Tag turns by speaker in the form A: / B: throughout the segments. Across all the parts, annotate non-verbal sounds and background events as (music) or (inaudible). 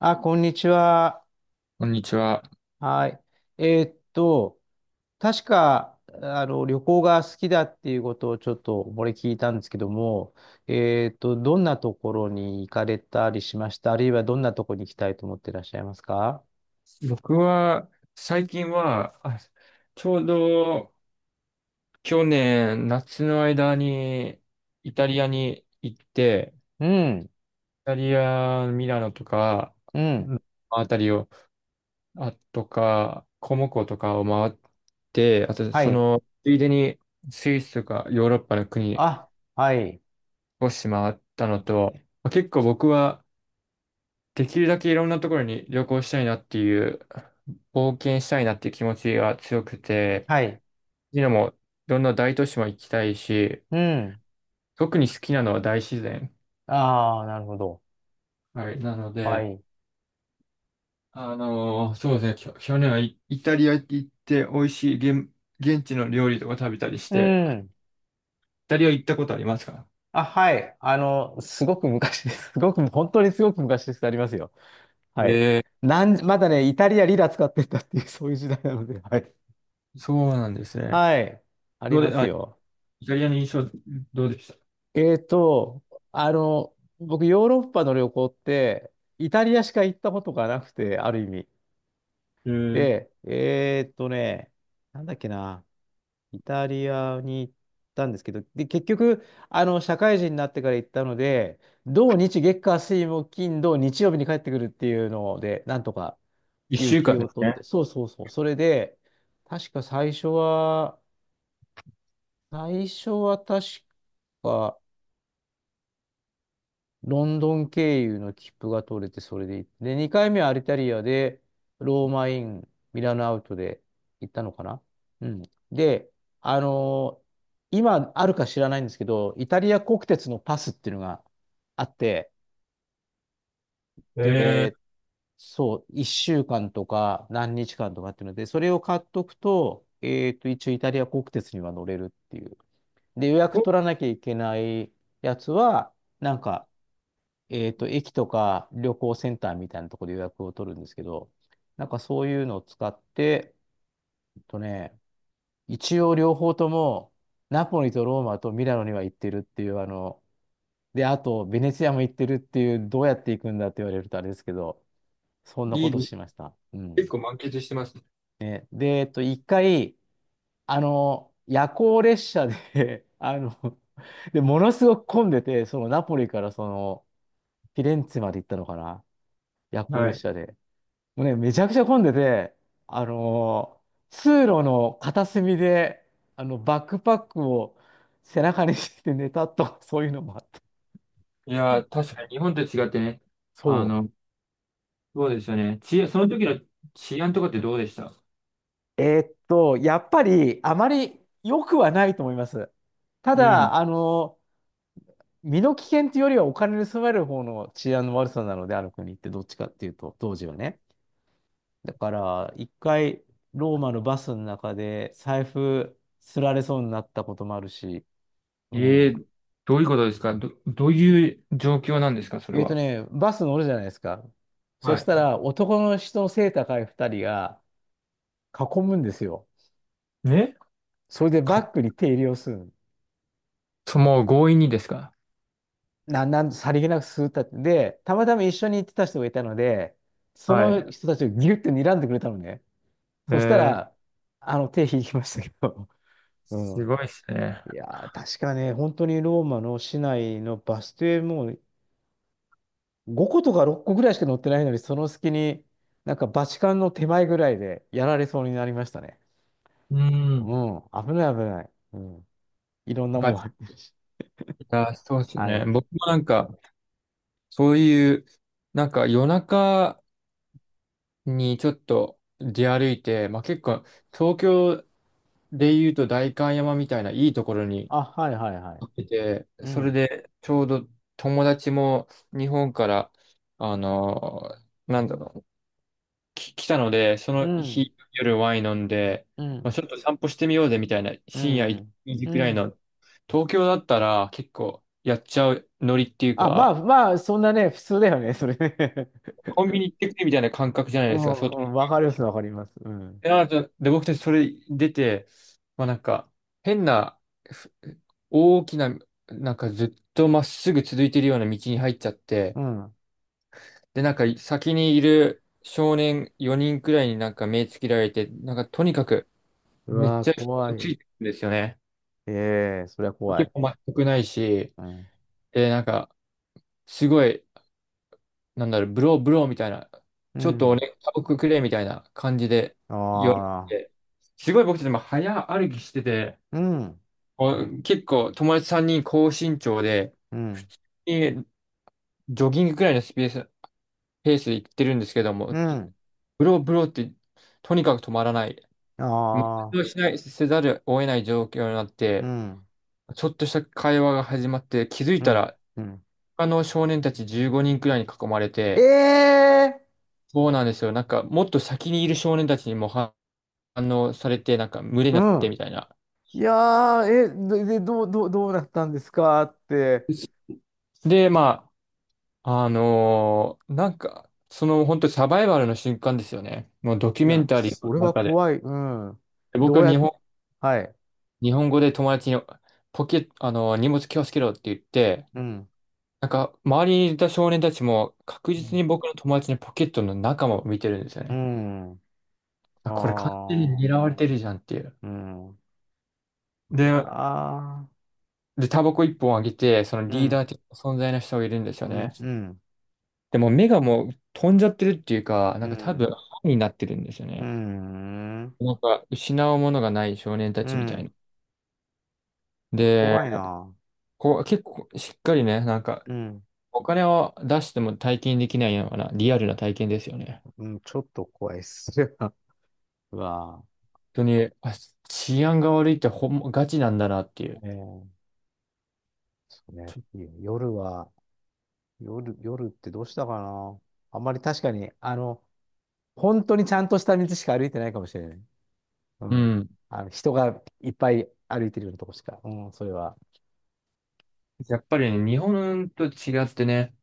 A: あ、こんにちは。
B: こんにちは。
A: はい。えーっと、確か、旅行が好きだっていうことをちょっと、これ聞いたんですけども、どんなところに行かれたりしました？あるいはどんなところに行きたいと思ってらっしゃいますか？
B: 僕は、最近は、ちょうど去年夏の間にイタリアに行って、
A: うん、
B: イタリア、ミラノとか、
A: うん、
B: うんあたりを、あとか、コモコとかを回って、あと
A: は
B: そ
A: い。
B: の、ついでにスイスとかヨーロッパの国
A: あ、はい、
B: 少し回ったのと、まあ結構僕はできるだけいろんなところに旅行したいなっていう、冒険したいなっていう気持ちが強くて、
A: はい。
B: ジナもいろんな大都市も行きたいし、
A: うん。
B: 特に好きなのは大自然。
A: ああ、なるほど。
B: はい。なの
A: は
B: で、
A: い。
B: そうですね、去年はイタリア行って美味しい現地の料理とか食べたりし
A: う
B: て、イ
A: ん。
B: タリア行ったことありますか？
A: あ、はい。すごく昔です。(laughs) すごく、本当にすごく昔です。ありますよ。はい。
B: え
A: まだね、イタリアリラ使ってたっていう、(laughs) そういう時代なので。はい。
B: そうなんですね。
A: はい。あり
B: どう
A: ま
B: で、
A: す
B: あ、
A: よ。
B: イタリアの印象どうでした？
A: えっと、あの、僕、ヨーロッパの旅行って、イタリアしか行ったことがなくて、ある意味。
B: えー、
A: で、なんだっけな、イタリアに行ったんですけど、で、結局、社会人になってから行ったので、土日月火水木金土日曜日に帰ってくるっていうので、なんとか。
B: 一
A: 有
B: 週
A: 給
B: 間
A: を
B: です
A: 取っ
B: ね。
A: て、そうそうそう。それで、確か最初は、最初は確か、ロンドン経由の切符が取れて、それで行って、で、2回目はアルタリアで、ローマイン、ミラノアウトで行ったのかな。うん。で、あのー今あるか知らないんですけど、イタリア国鉄のパスっていうのがあって、
B: え
A: で、そう、1週間とか何日間とかっていうので、それを買っとくと、一応イタリア国鉄には乗れるっていう。で、予
B: ー、
A: 約
B: と、
A: 取らなきゃいけないやつは、なんか、駅とか旅行センターみたいなところで予約を取るんですけど、なんかそういうのを使って、えっとね、一応両方とも、ナポリとローマとミラノには行ってるっていう、で、あと、ベネツィアも行ってるっていう、どうやって行くんだって言われるとあれですけど、そんな
B: い
A: こ
B: い
A: と
B: です。
A: しました。う
B: 結
A: ん。
B: 構満喫してますね。
A: で、一回、夜行列車で (laughs) で、ものすごく混んでて、そのナポリからその、フィレンツェまで行ったのかな、夜行
B: は
A: 列
B: い。
A: 車で。もうね、めちゃくちゃ混んでて、あの、通路の片隅で、バックパックを背中にして寝たと、(laughs) そういうのもあった。
B: いやー、確かに日本と違ってね、あ
A: そ
B: の、そうですよね。治安、その時の治安とかってどうでした？
A: う。やっぱりあまり良くはないと思います。た
B: う
A: だ、
B: ん。
A: 身の危険というよりはお金盗まれる方の治安の悪さなので、ある国ってどっちかっていうと、当時はね。だから、一回、ローマのバスの中で財布すられそうになったこともあるし、う
B: ええ、
A: ん。
B: どういうことですか？どういう状況なんですかそれは。
A: バス乗るじゃないですか。そ
B: は
A: し
B: い。
A: たら、男の人の背高い二人が囲むんですよ。
B: ね。
A: それでバ
B: か、
A: ッグに手入れをするの。
B: もう強引にですか？
A: なん、なん、さりげなくするったって。で、たまたま一緒に行ってた人がいたので、そ
B: はい。
A: の人たちをギュッて睨んでくれたのね。そした
B: ええ、
A: ら、手引きましたけど、(laughs) う
B: す
A: ん。
B: ごいですね。
A: いやー、確かね、本当にローマの市内のバス停もう5個とか6個ぐらいしか乗ってないのに、その隙に、なんかバチカンの手前ぐらいでやられそうになりましたね。
B: うん。
A: うん、危ない危ない。うん。いろんなも
B: バ
A: ん
B: チ
A: 入ってるし。
B: ェラー、そうです
A: は
B: ね。
A: い。
B: 僕もなんか、そういう、なんか夜中にちょっと出歩いて、まあ結構、東京で言うと代官山みたいないいところに
A: あ、はいはいはい。
B: ってて、
A: う
B: それ
A: ん。
B: でちょうど友達も日本から、あの、なんだろう、来たので、そ
A: う
B: の
A: ん。
B: 日夜ワイン飲んで、
A: う
B: ま
A: ん。
B: あ、ちょっと散歩してみようぜみたいな、
A: う
B: 深夜
A: ん。
B: 1時
A: う
B: くらいの、
A: ん。
B: 東京だったら結構やっちゃうノリっていう
A: あ、まあ
B: か、
A: まあ、そんなね、普通だよね、それね。
B: コンビニ行ってくれみたいな感覚じゃな
A: (laughs)
B: い
A: う
B: ですか。
A: ん、
B: そう。
A: うん、わかります、わかります。うん。
B: で、なので僕たちそれ出て、まあなんか、変な、ふ大きな、なんかずっとまっすぐ続いてるような道に入っちゃって、
A: うん。
B: で、なんか先にいる少年4人くらいになんか目つけられて、なんかとにかく
A: う
B: めっ
A: わー、
B: ちゃ人
A: 怖
B: がつ
A: い。
B: いてるんですよね。
A: ええ、そりゃ怖
B: 結
A: い。
B: 構全くないし、
A: うん。
B: で、なんかすごい、なんだろう、ブローブローみたいな、
A: う
B: ちょっと
A: ん。
B: 俺、タバコくれみたいな感じで
A: あ
B: 言われ
A: あ。
B: て、すごい僕たちも早歩きしてて、
A: うん。
B: お結構友達3人高身長で、
A: う
B: 普
A: ん。
B: 通にジョギングくらいのスペース、ペースで行ってるんですけども、
A: う
B: ず
A: ん。
B: ブローブローってとにかく止まらない。
A: あ
B: もう活
A: あ。
B: 動しない、せざるを得ない状況になっ
A: う
B: て、
A: ん。
B: ちょっとした会話が始まって、気づい
A: う
B: た
A: ん。
B: ら、
A: うん。
B: 他の少年たち15人くらいに囲まれ
A: え
B: て、
A: え、
B: そうなんですよ。なんか、もっと先にいる少年たちにも反応されて、なんか、群れに
A: う
B: なってみ
A: ん。
B: たいな。
A: いやー、え、で、どうなったんですかって。
B: で、まあ、なんか、その本当サバイバルの瞬間ですよね。もうドキュ
A: い
B: メン
A: や、
B: タリーの
A: それは
B: 中で。
A: 怖い。うん。
B: で
A: ど
B: 僕
A: う
B: は
A: やっ、はい。
B: 日本語で友達にポケ、あのー荷物気をつけろって言って、
A: うん。
B: なんか、周りにいた少年たちも確
A: う
B: 実に僕の友達のポケットの中も見てるんですよね。
A: ん。ああ
B: あ、これ完全に狙
A: ー。
B: われてるじゃんっていう。
A: うん。いや
B: で、
A: ー。
B: で、タバコ一本あげて、その
A: う
B: リー
A: ん。
B: ダー的な存在の人がいるんですよ
A: う
B: ね。
A: ん。うん。
B: でも目がもう飛んじゃってるっていうか、な
A: う
B: んか多分、
A: ん。
B: 歯になってるんですよ
A: う
B: ね。
A: ん。
B: なんか、失うものがない少年た
A: う
B: ちみたいな。
A: ん。いや、
B: で、
A: 怖いな。
B: こう、結構しっかりね、なんか、
A: うん。
B: お金を出しても体験できないようなリアルな体験ですよね。
A: うん、ちょっと怖いっす。(laughs) はうわ
B: 本当に、あ、治安が悪いってガチなんだなっていう。
A: ぁ。ええ、そうね。いや夜は、夜、夜ってどうしたかな。あんまり確かに、本当にちゃんとした道しか歩いてないかもしれない。う
B: う
A: ん。
B: ん。
A: 人がいっぱい歩いてるようなとこしか。うん、それは。
B: やっぱりね、日本と違ってね、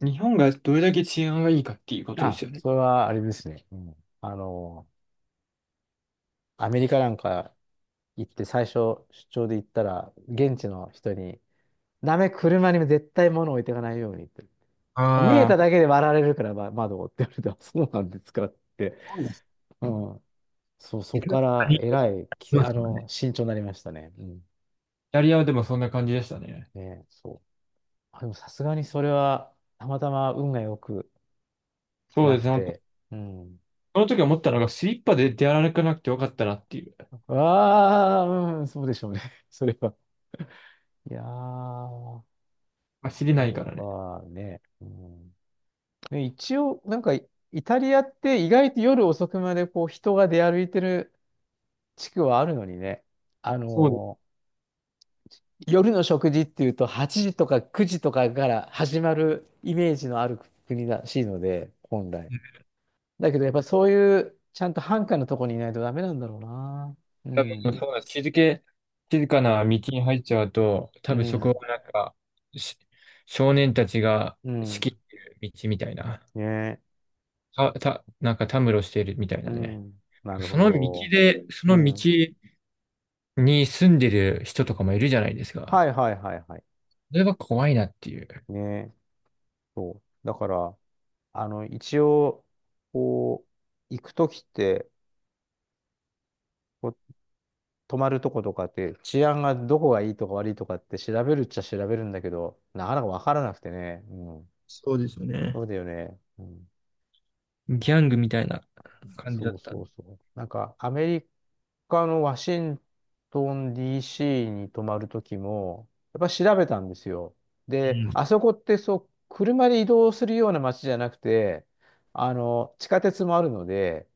B: 日本がどれだけ治安がいいかっていうことで
A: あ、
B: すよね。
A: それはあれですね。うん。アメリカなんか行って最初出張で行ったら、現地の人に、ダメ、車にも絶対物置いていかないようにって。見えた
B: ああ、
A: だけで割られるから、ま、窓をって言われて、あ、そうなんですかって。うん。そう、
B: イ
A: そこからえらい、きあの、慎重になりましたね。うん。
B: タリアもそうね。イタリアはでもそんな感じでしたね。
A: ね、そう。あ、でもさすがにそれは、たまたま運が良く
B: そう
A: な
B: です
A: く
B: ね、本当。
A: て、うん。
B: その時思ったのが、スリッパで出歩かなくてよかったなっていう。
A: ああ、うん、そうでしょうね。(laughs) それは。いやー、
B: ま、知りな
A: そ
B: いか
A: う
B: らね。
A: かね。うん、で一応、なんか、イタリアって意外と夜遅くまでこう人が出歩いてる地区はあるのにね。あ
B: そうです。
A: のー夜の食事っていうと8時とか9時とかから始まるイメージのある国らしいので、本来。だけどやっぱそういうちゃんと繁華のとこにいないとダメなんだろうな。う
B: 多
A: ん。
B: 分そうだ、静かな道に入っちゃうと、多
A: う
B: 分そこ
A: ん。
B: はなんか、し少年たちが
A: う
B: 仕
A: ん。
B: 切ってる道みたいな。
A: ね、
B: なんかたむろしてるみたいな
A: う
B: ね。
A: ん。なる
B: そ
A: ほ
B: の道
A: ど。
B: で、そ
A: う
B: の道
A: ん。
B: に住んでる人とかもいるじゃないです
A: は
B: か。
A: いはいはいはい。
B: それは怖いなっていう、
A: ね、そう。だから、一応、こ行くときって、こっ泊まるとことかって、治安がどこがいいとか悪いとかって調べるっちゃ調べるんだけど、なかなかわからなくてね。うん。
B: そうですよね。
A: そうだよね。うん、
B: ギャングみたいな感じだ
A: そ
B: っ
A: う
B: たん
A: そう
B: で。
A: そう。なんか、アメリカのワシントン DC に泊まるときも、やっぱ調べたんですよ。で、
B: うん。
A: あそこってそう、車で移動するような街じゃなくて、地下鉄もあるので、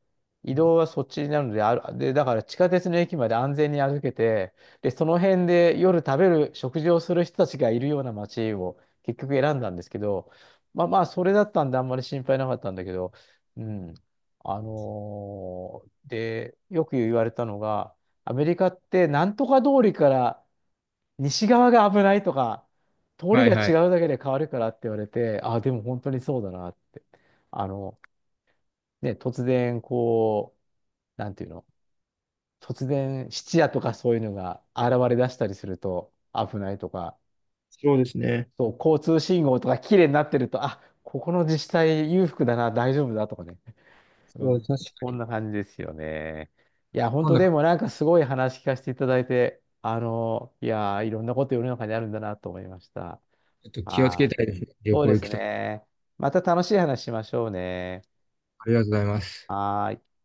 A: 移動はそっちになるので、で、だから地下鉄の駅まで安全に歩けて、で、その辺で夜食事をする人たちがいるような街を結局選んだんですけど、まあまあ、それだったんであんまり心配なかったんだけど、うん。で、よく言われたのが、アメリカってなんとか通りから西側が危ないとか、通り
B: はい
A: が
B: はい。
A: 違うだけで変わるからって言われて、あ、でも本当にそうだなって。あの、ね、突然なんていうの、突然質屋とかそういうのが現れ出したりすると危ないとか、
B: そうですね。
A: そう、交通信号とか綺麗になってると、あ、ここの自治体裕福だな、大丈夫だとかね。う
B: そう、
A: ん。
B: 確
A: こ
B: か
A: ん
B: に。
A: な感じですよね。いや、本
B: 今
A: 当
B: 度、ち
A: でもなんかすごい話聞かせていただいて、いやー、いろんなこと世の中にあるんだなと思いました。
B: ょっと
A: あ
B: 気をつけ
A: あ、
B: たいですね。旅
A: そう
B: 行
A: で
B: 行
A: す
B: くと。
A: ね。また楽しい話しましょうね。
B: ありがとうございます。
A: はーい。